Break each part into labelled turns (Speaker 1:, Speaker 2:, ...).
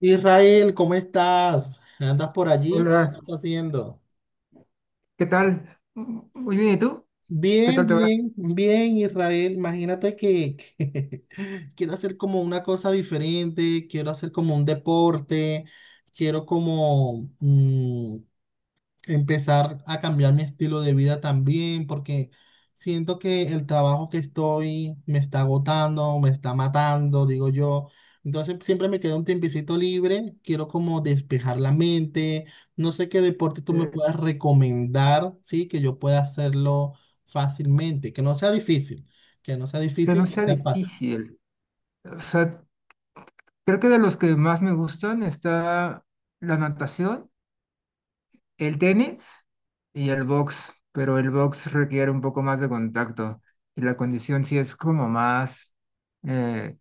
Speaker 1: Israel, ¿cómo estás? ¿Andas por allí? ¿Qué
Speaker 2: Hola,
Speaker 1: estás haciendo?
Speaker 2: ¿qué tal? Muy bien, ¿y tú? ¿Qué
Speaker 1: Bien,
Speaker 2: tal te va?
Speaker 1: bien, bien, Israel. Imagínate que quiero hacer como una cosa diferente, quiero hacer como un deporte, quiero como, empezar a cambiar mi estilo de vida también, porque siento que el trabajo que estoy me está agotando, me está matando, digo yo. Entonces siempre me queda un tiempecito libre, quiero como despejar la mente, no sé qué deporte tú me
Speaker 2: Eh,
Speaker 1: puedas recomendar, ¿sí? Que yo pueda hacerlo fácilmente, que no sea difícil, que no sea
Speaker 2: que
Speaker 1: difícil,
Speaker 2: no
Speaker 1: que
Speaker 2: sea
Speaker 1: sea fácil.
Speaker 2: difícil. O sea, creo que de los que más me gustan está la natación, el tenis y el box, pero el box requiere un poco más de contacto y la condición sí es como más eh,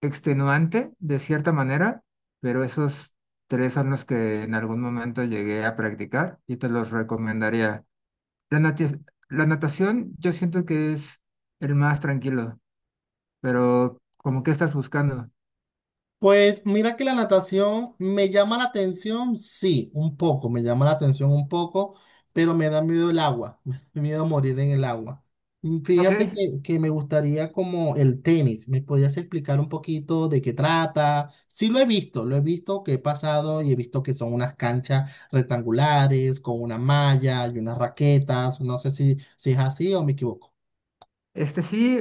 Speaker 2: extenuante de cierta manera, pero esos tres son los que en algún momento llegué a practicar y te los recomendaría. La natia- la natación yo siento que es el más tranquilo, pero como que estás buscando.
Speaker 1: Pues mira que la natación me llama la atención, sí, un poco, me llama la atención un poco, pero me da miedo el agua, me da miedo morir en el agua. Mm,
Speaker 2: Ok,
Speaker 1: Fíjate que me gustaría como el tenis, ¿me podías explicar un poquito de qué trata? Sí lo he visto que he pasado y he visto que son unas canchas rectangulares con una malla y unas raquetas, no sé si es así o me equivoco.
Speaker 2: este sí,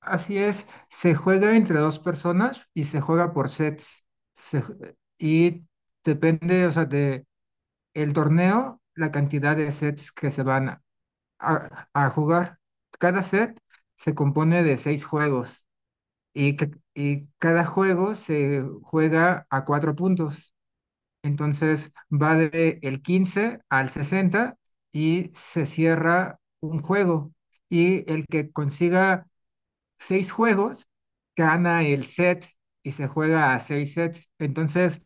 Speaker 2: así es. Se juega entre dos personas y se juega por sets. Se ju- y Depende, o sea, de el torneo, la cantidad de sets que se van a jugar. Cada set se compone de seis juegos y cada juego se juega a cuatro puntos. Entonces va de el 15 al 60 y se cierra un juego. Y el que consiga seis juegos gana el set y se juega a seis sets. Entonces,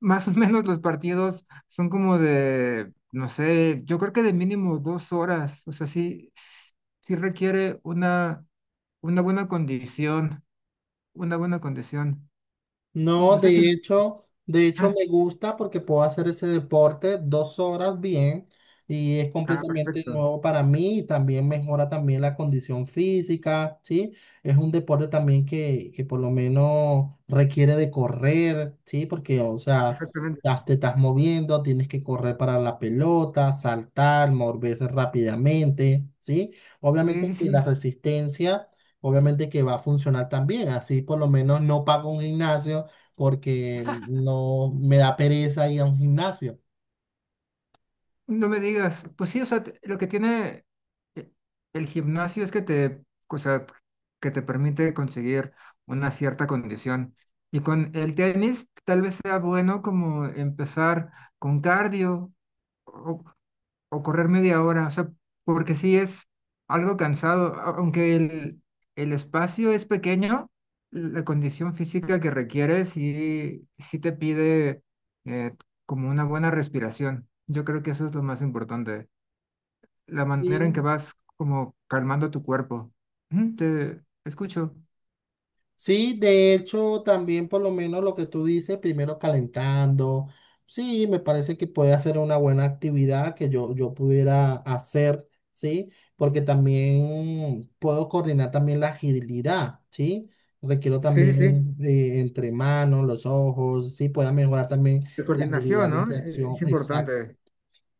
Speaker 2: más o menos los partidos son como de, no sé, yo creo que de mínimo 2 horas. O sea, sí, sí requiere una buena condición, una buena condición.
Speaker 1: No,
Speaker 2: No sé si...
Speaker 1: de hecho,
Speaker 2: Ah,
Speaker 1: me gusta porque puedo hacer ese deporte 2 horas bien y es
Speaker 2: ah,
Speaker 1: completamente
Speaker 2: perfecto,
Speaker 1: nuevo para mí y también mejora también la condición física, ¿sí? Es un deporte también que por lo menos requiere de correr, ¿sí? Porque, o sea,
Speaker 2: exactamente.
Speaker 1: ya te estás moviendo, tienes que correr para la pelota, saltar, moverse rápidamente, ¿sí?
Speaker 2: Sí,
Speaker 1: Obviamente
Speaker 2: sí,
Speaker 1: que la
Speaker 2: sí.
Speaker 1: resistencia... Obviamente que va a funcionar también, así por lo menos no pago un gimnasio, porque no me da pereza ir a un gimnasio.
Speaker 2: No me digas, pues sí, o sea, lo que tiene e- el gimnasio es que te, o sea, que te permite conseguir una cierta condición. Y con el tenis tal vez sea bueno como empezar con cardio o, o correr media hora, o sea, porque sí es algo cansado, aunque el espacio es pequeño, la condición física que requiere sí, sí te pide eh, como una buena respiración. Yo creo que eso es lo más importante, la manera en
Speaker 1: Y
Speaker 2: que vas como calmando tu cuerpo. Ujú. Te escucho.
Speaker 1: sí, de hecho, también por lo menos lo que tú dices, primero calentando, sí, me parece que puede hacer una buena actividad que yo pudiera hacer, sí, porque también puedo coordinar también la agilidad, sí. Requiero
Speaker 2: Sí, sí, sí.
Speaker 1: también entre manos, los ojos, sí, pueda mejorar también
Speaker 2: La
Speaker 1: la agilidad
Speaker 2: coordinación,
Speaker 1: de
Speaker 2: ¿no?
Speaker 1: reacción.
Speaker 2: Es importante.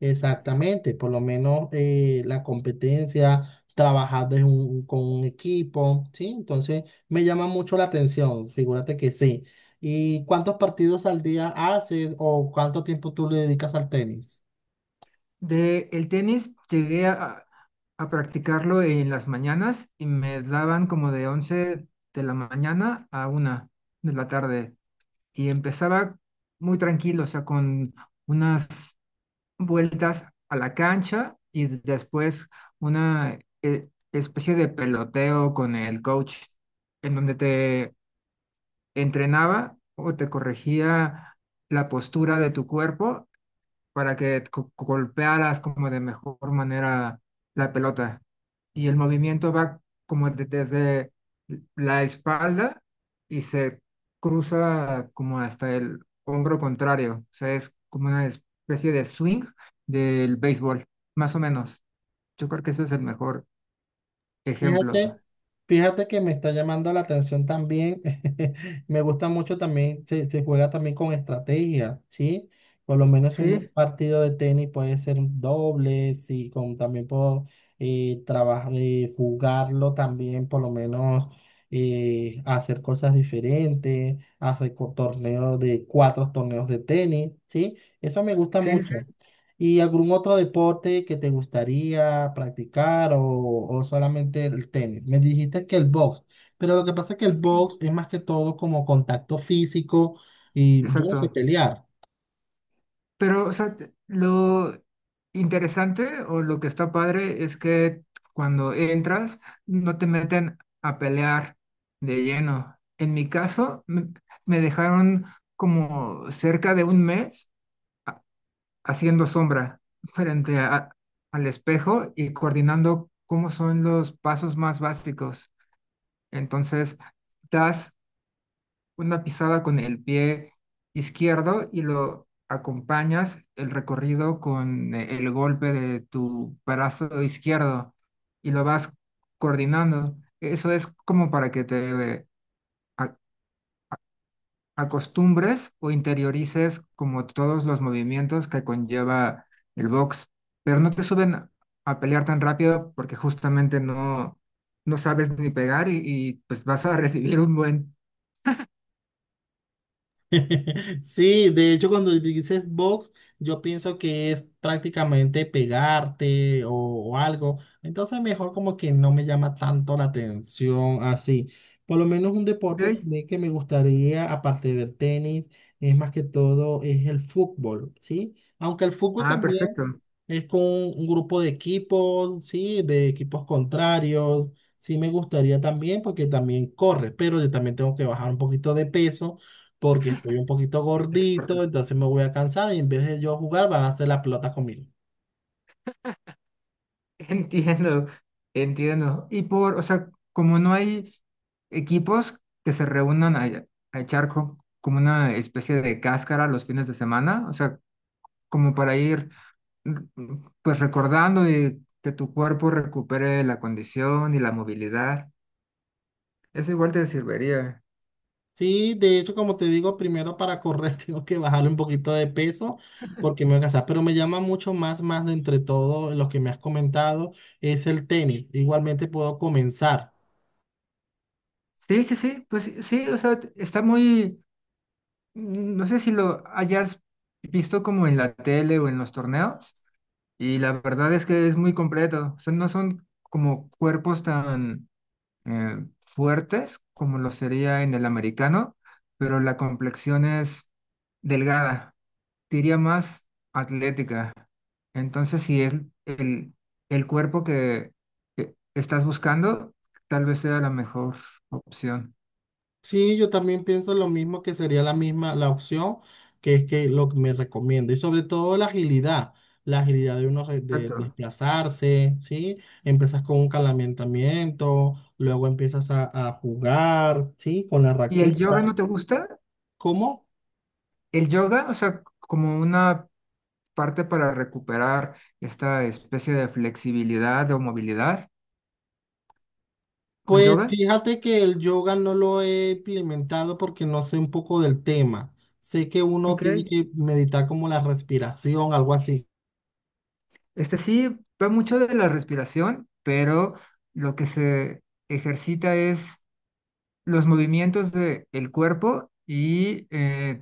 Speaker 1: Exactamente, por lo menos la competencia, trabajar con un equipo, ¿sí? Entonces me llama mucho la atención, figúrate que sí. ¿Y cuántos partidos al día haces o cuánto tiempo tú le dedicas al tenis?
Speaker 2: De el tenis llegué a practicarlo en las mañanas y me daban como de 11 de la mañana a 1 de la tarde y empezaba muy tranquilo, o sea, con unas vueltas a la cancha y después una especie de peloteo con el coach en donde te entrenaba o te corregía la postura de tu cuerpo para que golpearas como de mejor manera la pelota. Y el movimiento va como desde la espalda y se cruza como hasta el hombro contrario. O sea, es como una especie de swing del béisbol, más o menos. Yo creo que ese es el mejor ejemplo.
Speaker 1: Fíjate, fíjate que me está llamando la atención también. Me gusta mucho también, se juega también con estrategia, ¿sí? Por lo menos un
Speaker 2: Sí,
Speaker 1: partido de tenis puede ser un doble, sí, también puedo trabajar, jugarlo también, por lo menos hacer cosas diferentes, torneos de cuatro torneos de tenis, ¿sí? Eso me gusta
Speaker 2: sí, sí,
Speaker 1: mucho. ¿Y algún otro deporte que te gustaría practicar o solamente el tenis? Me dijiste que el box, pero lo que pasa es que el
Speaker 2: sí,
Speaker 1: box es más que todo como contacto físico y yo no sé
Speaker 2: exacto.
Speaker 1: pelear.
Speaker 2: Pero, o sea, lo interesante o lo que está padre es que cuando entras no te meten a pelear de lleno. En mi caso, me dejaron como cerca de un mes haciendo sombra frente al espejo y coordinando cómo son los pasos más básicos. Entonces, das una pisada con el pie izquierdo y lo acompañas el recorrido con el golpe de tu brazo izquierdo y lo vas coordinando. Eso es como para que te a- acostumbres o interiorices como todos los movimientos que conlleva el box, pero no te suben a pelear tan rápido porque justamente no, no sabes ni pegar y, pues vas a recibir un buen...
Speaker 1: Sí, de hecho, cuando dices box, yo pienso que es prácticamente pegarte o algo. Entonces, mejor como que no me llama tanto la atención así. Por lo menos un deporte
Speaker 2: Ok.
Speaker 1: también que me gustaría, aparte del tenis, es más que todo, es el fútbol, ¿sí? Aunque el fútbol
Speaker 2: Ah,
Speaker 1: también
Speaker 2: perfecto.
Speaker 1: es con un grupo de equipos, ¿sí? De equipos contrarios. Sí, me gustaría también, porque también corre, pero yo también tengo que bajar un poquito de peso porque estoy un poquito
Speaker 2: Es
Speaker 1: gordito, entonces me voy a cansar y en vez de yo jugar van a hacer la pelota conmigo.
Speaker 2: Entiendo, entiendo. Y por, o sea, como no hay equipos que se reúnan a echar como una especie de cáscara los fines de semana, o sea, como para ir mm, pues recordando y que tu cuerpo recupere la condición y la movilidad, eso igual te serviría.
Speaker 1: Sí, de hecho, como te digo, primero para correr tengo que bajarle un poquito de peso porque me voy a cansar, pero me llama mucho más, más de entre todo lo que me has comentado es el tenis. Igualmente puedo comenzar.
Speaker 2: Sí, sí, sí, pues sí, sí, o sea, está muy, mm, no sé si lo hayas visto como en la tele o en los torneos. Y la verdad es que es muy completo. O sea, no son como cuerpos tan fuertes como lo sería en el americano, pero la complexión es delgada, diría más atlética. Entonces, si es el, el cuerpo que estás buscando, tal vez sea la mejor opción.
Speaker 1: Sí, yo también pienso lo mismo que sería la misma, la opción que es que lo que me recomienda y sobre todo la agilidad de uno
Speaker 2: Exacto.
Speaker 1: desplazarse, ¿sí? Empiezas con un calentamiento, luego empiezas a jugar, ¿sí? Con la
Speaker 2: ¿Y el yoga no
Speaker 1: raqueta.
Speaker 2: te gusta?
Speaker 1: ¿Cómo?
Speaker 2: El yoga, o sea, como una parte para recuperar esta especie de flexibilidad o movilidad con
Speaker 1: Pues
Speaker 2: yoga.
Speaker 1: fíjate que el yoga no lo he implementado porque no sé un poco del tema. Sé que uno
Speaker 2: Ok,
Speaker 1: tiene que meditar como la respiración, algo así.
Speaker 2: este sí va mucho de la respiración, pero lo que se ejercita es los movimientos del cuerpo y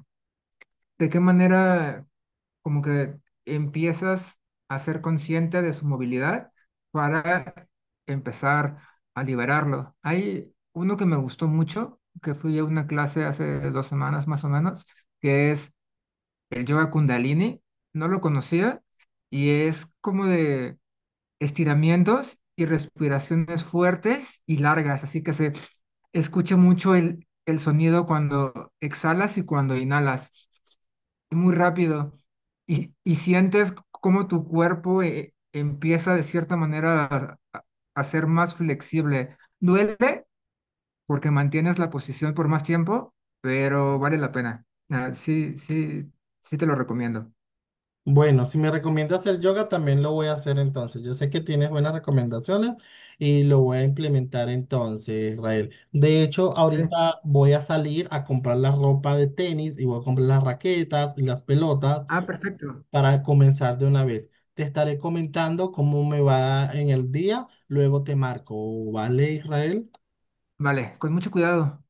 Speaker 2: de qué manera como que empiezas a ser consciente de su movilidad para empezar a liberarlo. Hay uno que me gustó mucho, que fui a una clase hace 2 semanas más o menos, que es el yoga Kundalini. No lo conocía y es como de estiramientos y respiraciones fuertes y largas, así que se escucha mucho el sonido cuando exhalas y cuando inhalas, y muy rápido, y sientes cómo tu cuerpo empieza de cierta manera a ser más flexible. Duele porque mantienes la posición por más tiempo, pero vale la pena. Ah, sí, sí, sí te lo recomiendo.
Speaker 1: Bueno, si me recomiendas hacer yoga, también lo voy a hacer entonces. Yo sé que tienes buenas recomendaciones y lo voy a implementar entonces, Israel. De hecho,
Speaker 2: Sí.
Speaker 1: ahorita voy a salir a comprar la ropa de tenis y voy a comprar las raquetas y las pelotas
Speaker 2: Ah, perfecto.
Speaker 1: para comenzar de una vez. Te estaré comentando cómo me va en el día, luego te marco, ¿vale, Israel?
Speaker 2: Vale, con mucho cuidado.